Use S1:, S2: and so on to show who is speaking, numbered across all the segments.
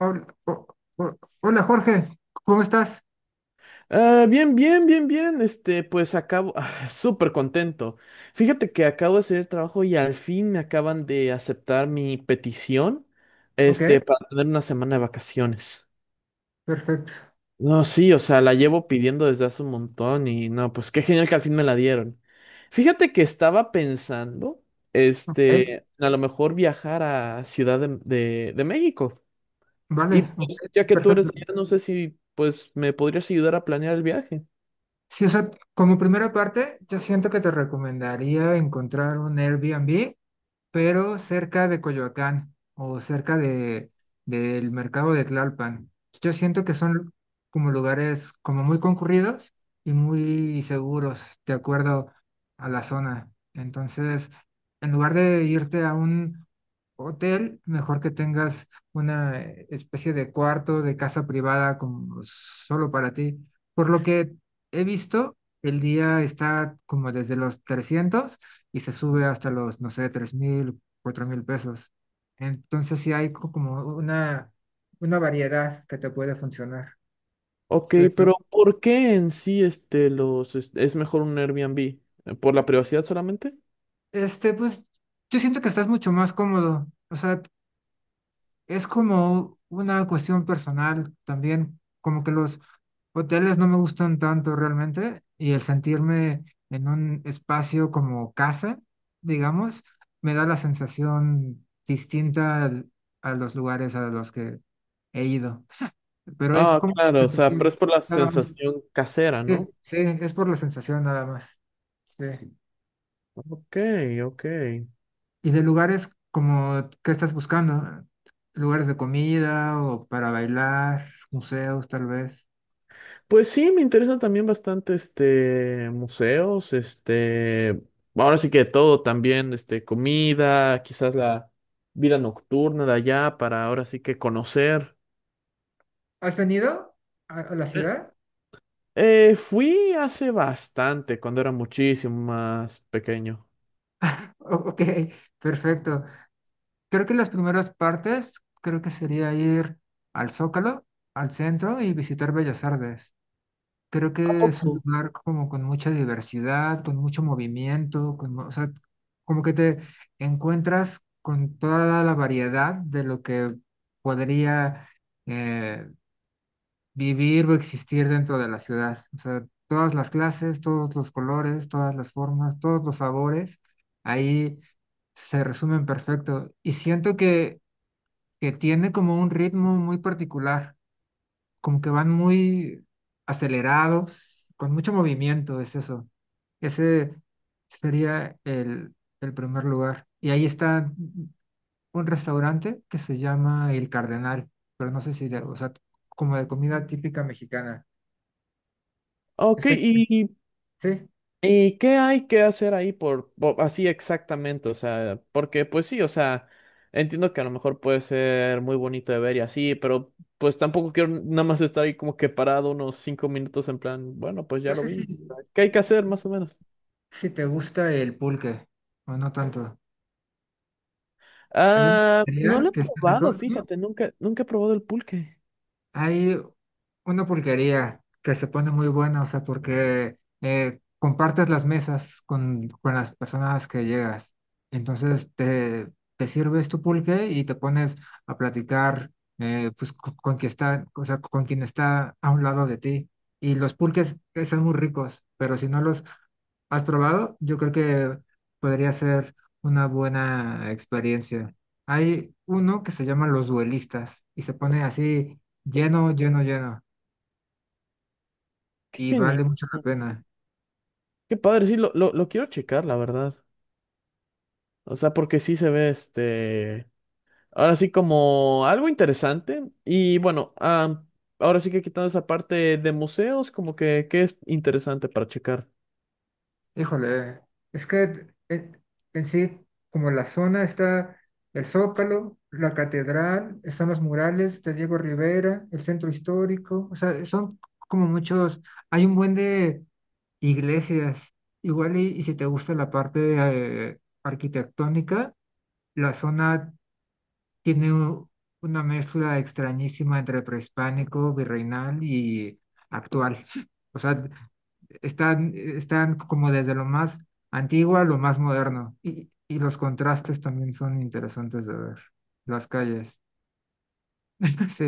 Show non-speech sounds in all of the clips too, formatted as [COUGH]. S1: Hol- ho- Hola Jorge, ¿cómo estás?
S2: Ah, bien, bien, bien, bien. Este, pues acabo, [LAUGHS] súper contento. Fíjate que acabo de hacer el trabajo y al fin me acaban de aceptar mi petición,
S1: Ok,
S2: este, para tener una semana de vacaciones.
S1: perfecto.
S2: No, sí, o sea, la llevo pidiendo desde hace un montón y no, pues qué genial que al fin me la dieron. Fíjate que estaba pensando,
S1: ¿Eh?
S2: este, a lo mejor viajar a Ciudad de, de México. Y
S1: Vale, ok,
S2: pues, ya que tú eres
S1: perfecto.
S2: de allá, no sé si, pues, me podrías ayudar a planear el viaje.
S1: Sí, o sea, como primera parte, yo siento que te recomendaría encontrar un Airbnb pero cerca de Coyoacán o cerca del mercado de Tlalpan. Yo siento que son como lugares como muy concurridos y muy seguros, de acuerdo a la zona. Entonces, en lugar de irte a un hotel, mejor que tengas una especie de cuarto, de casa privada como solo para ti. Por lo que he visto, el día está como desde los 300 y se sube hasta los, no sé, 3.000, 4.000 pesos. Entonces sí hay como una variedad que te puede funcionar.
S2: Ok,
S1: Pero
S2: pero ¿por qué en sí este es mejor un Airbnb? ¿Por la privacidad solamente?
S1: pues yo siento que estás mucho más cómodo. O sea, es como una cuestión personal también, como que los hoteles no me gustan tanto realmente y el sentirme en un espacio como casa, digamos, me da la sensación distinta a los lugares a los que he ido. Pero es
S2: Ah,
S1: como
S2: claro, o sea, pero es
S1: sensación,
S2: por la
S1: nada más.
S2: sensación casera,
S1: Sí,
S2: ¿no?
S1: sí, es por la sensación nada más. Sí.
S2: Ok, ok.
S1: Y de lugares como, ¿qué estás buscando? Lugares de comida o para bailar, museos tal vez.
S2: Pues sí, me interesa también bastante este museos, este, ahora sí que todo también, este, comida, quizás la vida nocturna de allá para ahora sí que conocer.
S1: ¿Has venido a la
S2: Eh,
S1: ciudad?
S2: fui hace bastante, cuando era muchísimo más pequeño.
S1: Ok, perfecto. Creo que las primeras partes, creo que sería ir al Zócalo, al centro y visitar Bellas Artes. Creo
S2: ¿A
S1: que es un
S2: poco?
S1: lugar como con mucha diversidad, con mucho movimiento, con, o sea, como que te encuentras con toda la variedad de lo que podría eh, vivir o existir dentro de la ciudad. O sea, todas las clases, todos los colores, todas las formas, todos los sabores, ahí se resumen perfecto. Y siento que tiene como un ritmo muy particular como que van muy acelerados, con mucho movimiento, es eso. Ese sería el primer lugar. Y ahí está un restaurante que se llama El Cardenal, pero no sé si, o sea, como de comida típica mexicana.
S2: Ok,
S1: Está,
S2: y,
S1: sí,
S2: y ¿qué hay que hacer ahí así exactamente? O sea, porque pues sí, o sea, entiendo que a lo mejor puede ser muy bonito de ver y así, pero pues tampoco quiero nada más estar ahí como que parado unos 5 minutos en plan, bueno, pues ya
S1: no
S2: lo
S1: sé
S2: vi. ¿Qué hay que hacer más o menos?
S1: si te gusta el pulque o no tanto. Hay una
S2: Ah, no lo
S1: pizzería
S2: he
S1: que está
S2: probado,
S1: rico.
S2: fíjate, nunca, nunca he probado el pulque.
S1: Hay una pulquería que se pone muy buena, o sea, porque compartes las mesas con las personas que llegas. Entonces te sirves tu pulque y te pones a platicar pues, con, quien está, o sea, con quien está a un lado de ti. Y los pulques están muy ricos, pero si no los ¿Has probado? Yo creo que podría ser una buena experiencia. Hay uno que se llama Los Duelistas y se pone así lleno, lleno, lleno
S2: Qué
S1: y
S2: genial.
S1: vale mucho la pena.
S2: Qué padre, sí, lo quiero checar, la verdad. O sea, porque sí se ve este. Ahora sí como algo interesante. Y bueno, ah, ahora sí que quitando esa parte de museos, como que, ¿que es interesante para checar?
S1: Híjole, es que en sí, como la zona está el Zócalo, la catedral, están los murales de Diego Rivera, el centro histórico, o sea, son como muchos, hay un buen de Iglesias, igual y si te gusta la parte arquitectónica, la zona tiene una mezcla extrañísima entre prehispánico, virreinal y actual. [LAUGHS] O sea, están como desde lo más antiguo a lo más moderno. Y los contrastes también son interesantes de ver. Las calles. [LAUGHS] Sí,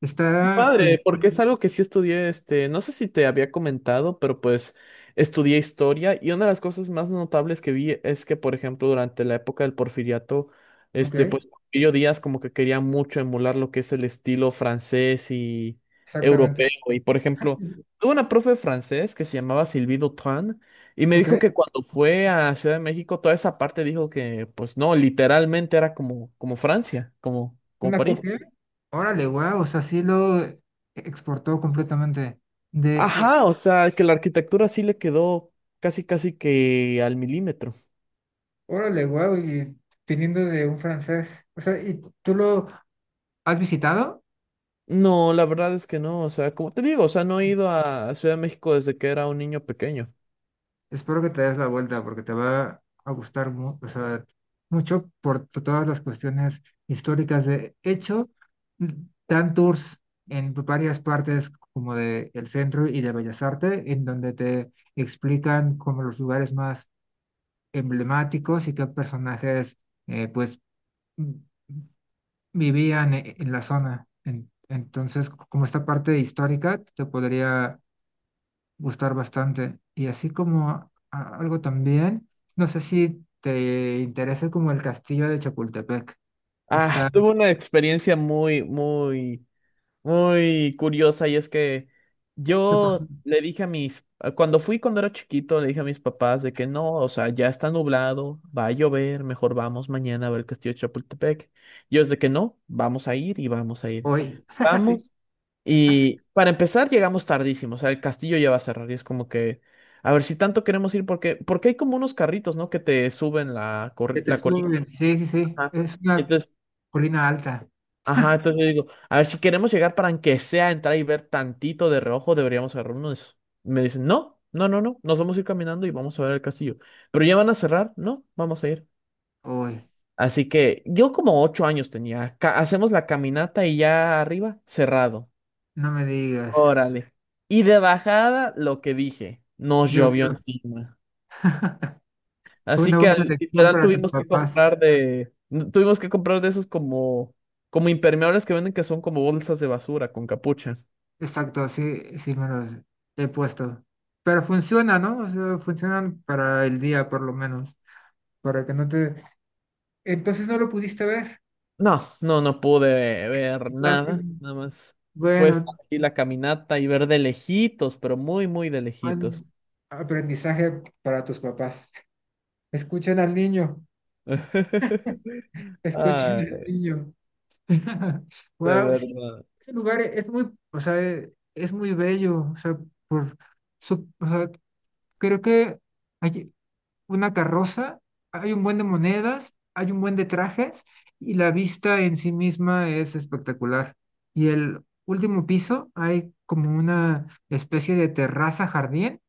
S1: está igual.
S2: Padre, porque es algo que sí estudié, este, no sé si te había comentado, pero pues estudié historia y una de las cosas más notables que vi es que, por ejemplo, durante la época del Porfiriato,
S1: Ok,
S2: este, pues Porfirio Díaz como que quería mucho emular lo que es el estilo francés y
S1: exactamente.
S2: europeo. Y, por ejemplo,
S1: [LAUGHS]
S2: tuve una profe de francés que se llamaba Sylvie Dutran y me dijo
S1: Ok,
S2: que cuando fue a Ciudad de México, toda esa parte dijo que, pues no, literalmente era como, como Francia, como, como
S1: una
S2: París.
S1: copia. Órale, guau, o sea, sí lo exportó completamente. De, eh,
S2: Ajá, o sea, que la arquitectura sí le quedó casi, casi que al milímetro.
S1: órale, guau, y viniendo de un francés. O sea, ¿y tú lo has visitado?
S2: No, la verdad es que no, o sea, como te digo, o sea, no he ido a Ciudad de México desde que era un niño pequeño.
S1: Espero que te des la vuelta porque te va a gustar o sea, mucho por todas las cuestiones históricas. De hecho, mm, dan tours en varias partes como de el centro y de Bellas Artes, en donde te explican como los lugares más emblemáticos y qué personajes, pues vivían en la zona. Entonces, como esta parte histórica te podría gustar bastante. Y así como algo también, no sé si te interesa como el castillo de Chapultepec.
S2: Ah,
S1: Está,
S2: tuve una experiencia muy, muy, muy curiosa y es que
S1: ¿qué pasó?
S2: yo le dije a mis, cuando era chiquito, le dije a mis papás de que no, o sea, ya está nublado, va a llover, mejor vamos mañana a ver el Castillo de Chapultepec. Y ellos de que no, vamos a ir y vamos a ir.
S1: Hoy, [LAUGHS]
S2: Vamos
S1: sí,
S2: Y para empezar, llegamos tardísimo, o sea, el castillo ya va a cerrar y es como que, a ver si tanto queremos ir, porque, porque hay como unos carritos, ¿no? Que te suben la,
S1: que te
S2: la colina.
S1: suben. Sí, sí, sí.
S2: Ajá.
S1: Es
S2: Y
S1: una
S2: entonces,
S1: colina alta.
S2: ajá, entonces yo digo, a ver si queremos llegar para aunque sea entrar y ver tantito de reojo, deberíamos agarrar uno de esos. Me dicen, no, no, no, no, nos vamos a ir caminando y vamos a ver el castillo. Pero ya van a cerrar, no, vamos a ir.
S1: Hoy,
S2: Así que yo como 8 años tenía, hacemos la caminata y ya arriba, cerrado.
S1: no me digas.
S2: Órale. Y de bajada, lo que dije, nos llovió
S1: Llovió.
S2: encima.
S1: [LAUGHS] Fue
S2: Así
S1: una
S2: que
S1: buena lección
S2: literal
S1: para tus
S2: tuvimos que
S1: papás.
S2: comprar de, tuvimos que comprar de esos como, como impermeables que venden que son como bolsas de basura con capucha.
S1: Exacto, sí, sí me los he puesto. Pero funciona, ¿no? O sea, funcionan para el día por lo menos, para que no te... Entonces no lo pudiste ver.
S2: No, no, no pude ver
S1: Lástima.
S2: nada, nada más. Fue estar
S1: Bueno,
S2: aquí la caminata y ver de lejitos, pero muy, muy de
S1: buen
S2: lejitos.
S1: aprendizaje para tus papás. Escuchen al niño,
S2: [LAUGHS]
S1: escuchen
S2: Ah,
S1: al niño. [LAUGHS]
S2: de
S1: Wow, sí,
S2: verdad.
S1: ese lugar es muy, o sea, es muy bello, o sea, por su, o sea, creo que allí- una carroza, hay un buen de monedas, hay un buen de trajes y la vista en sí misma es espectacular. Y el último piso hay como una especie de terraza jardín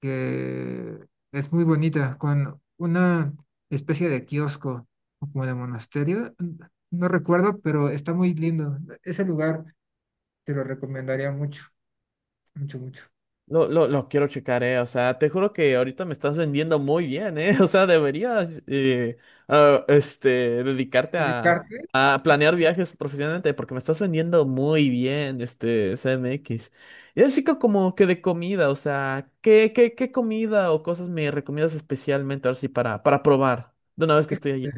S1: que es muy bonita, con una especie de kiosco o como de monasterio. No recuerdo, pero está muy lindo. Ese lugar te lo recomendaría mucho, mucho, mucho.
S2: Lo quiero checar, eh. O sea, te juro que ahorita me estás vendiendo muy bien, eh. [LAUGHS] O sea, deberías este, dedicarte a,
S1: Dedicarte,
S2: planear viajes profesionalmente, porque me estás vendiendo muy bien, este, CMX. Y así que como que de comida, o sea, ¿qué comida o cosas me recomiendas especialmente ahora sí para probar de una vez que estoy allí?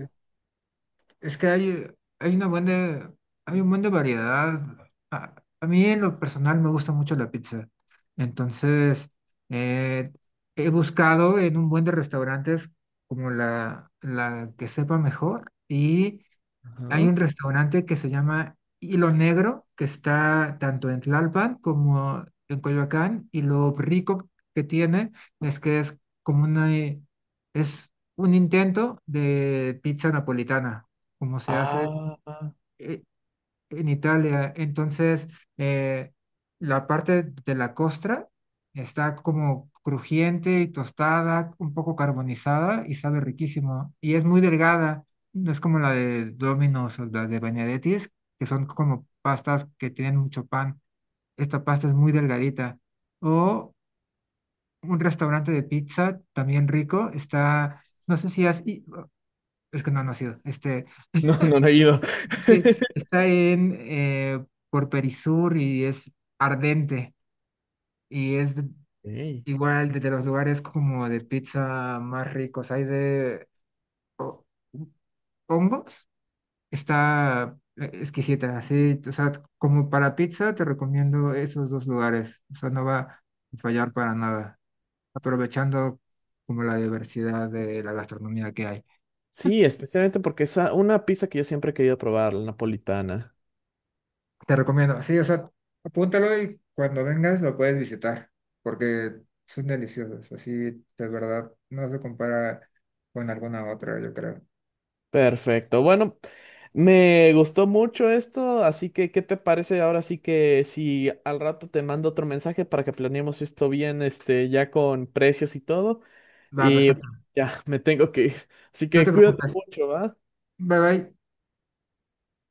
S1: es que hay una buena, hay un buen de variedad. A, a mí en lo personal me gusta mucho la pizza. Entonces, eh, he buscado en un buen de restaurantes como la que sepa mejor y hay
S2: Ajá.
S1: un restaurante que se llama Hilo Negro, que está tanto en Tlalpan como en Coyoacán, y lo rico que tiene es que es como es un intento de pizza napolitana, como se hace.
S2: Ah,
S1: eh, en Italia. Entonces, eh, la parte de la costra está como crujiente y tostada, un poco carbonizada y sabe riquísimo. Y es muy delgada, no es como la de Domino's o la de Benedetti's, que son como pastas que tienen mucho pan. Esta pasta es muy delgadita. O un restaurante de pizza también rico, está, no sé si es que no ha sido, este.
S2: [LAUGHS] no, no, no he ido.
S1: Sí,
S2: [LAUGHS]
S1: está en por Perisur y es ardente y es
S2: Ey.
S1: igual de los lugares como de pizza más ricos. Hay de ho- hongos, está exquisita, sí, o sea, como para pizza te recomiendo esos dos lugares, o sea, no va a fallar para nada, aprovechando como la diversidad de la gastronomía que hay.
S2: Sí, especialmente porque es una pizza que yo siempre he querido probar, la napolitana.
S1: Te recomiendo, sí, o sea, apúntalo y cuando vengas lo puedes visitar, porque son deliciosos, así de verdad no se compara con alguna otra, yo creo.
S2: Perfecto. Bueno, me gustó mucho esto, así que ¿qué te parece ahora sí que si al rato te mando otro mensaje para que planeemos esto bien, este, ya con precios y todo?
S1: Va,
S2: Y
S1: perfecto.
S2: ya, me tengo que ir. Así
S1: No te
S2: que cuídate
S1: preocupes.
S2: mucho, ¿va?
S1: Bye bye.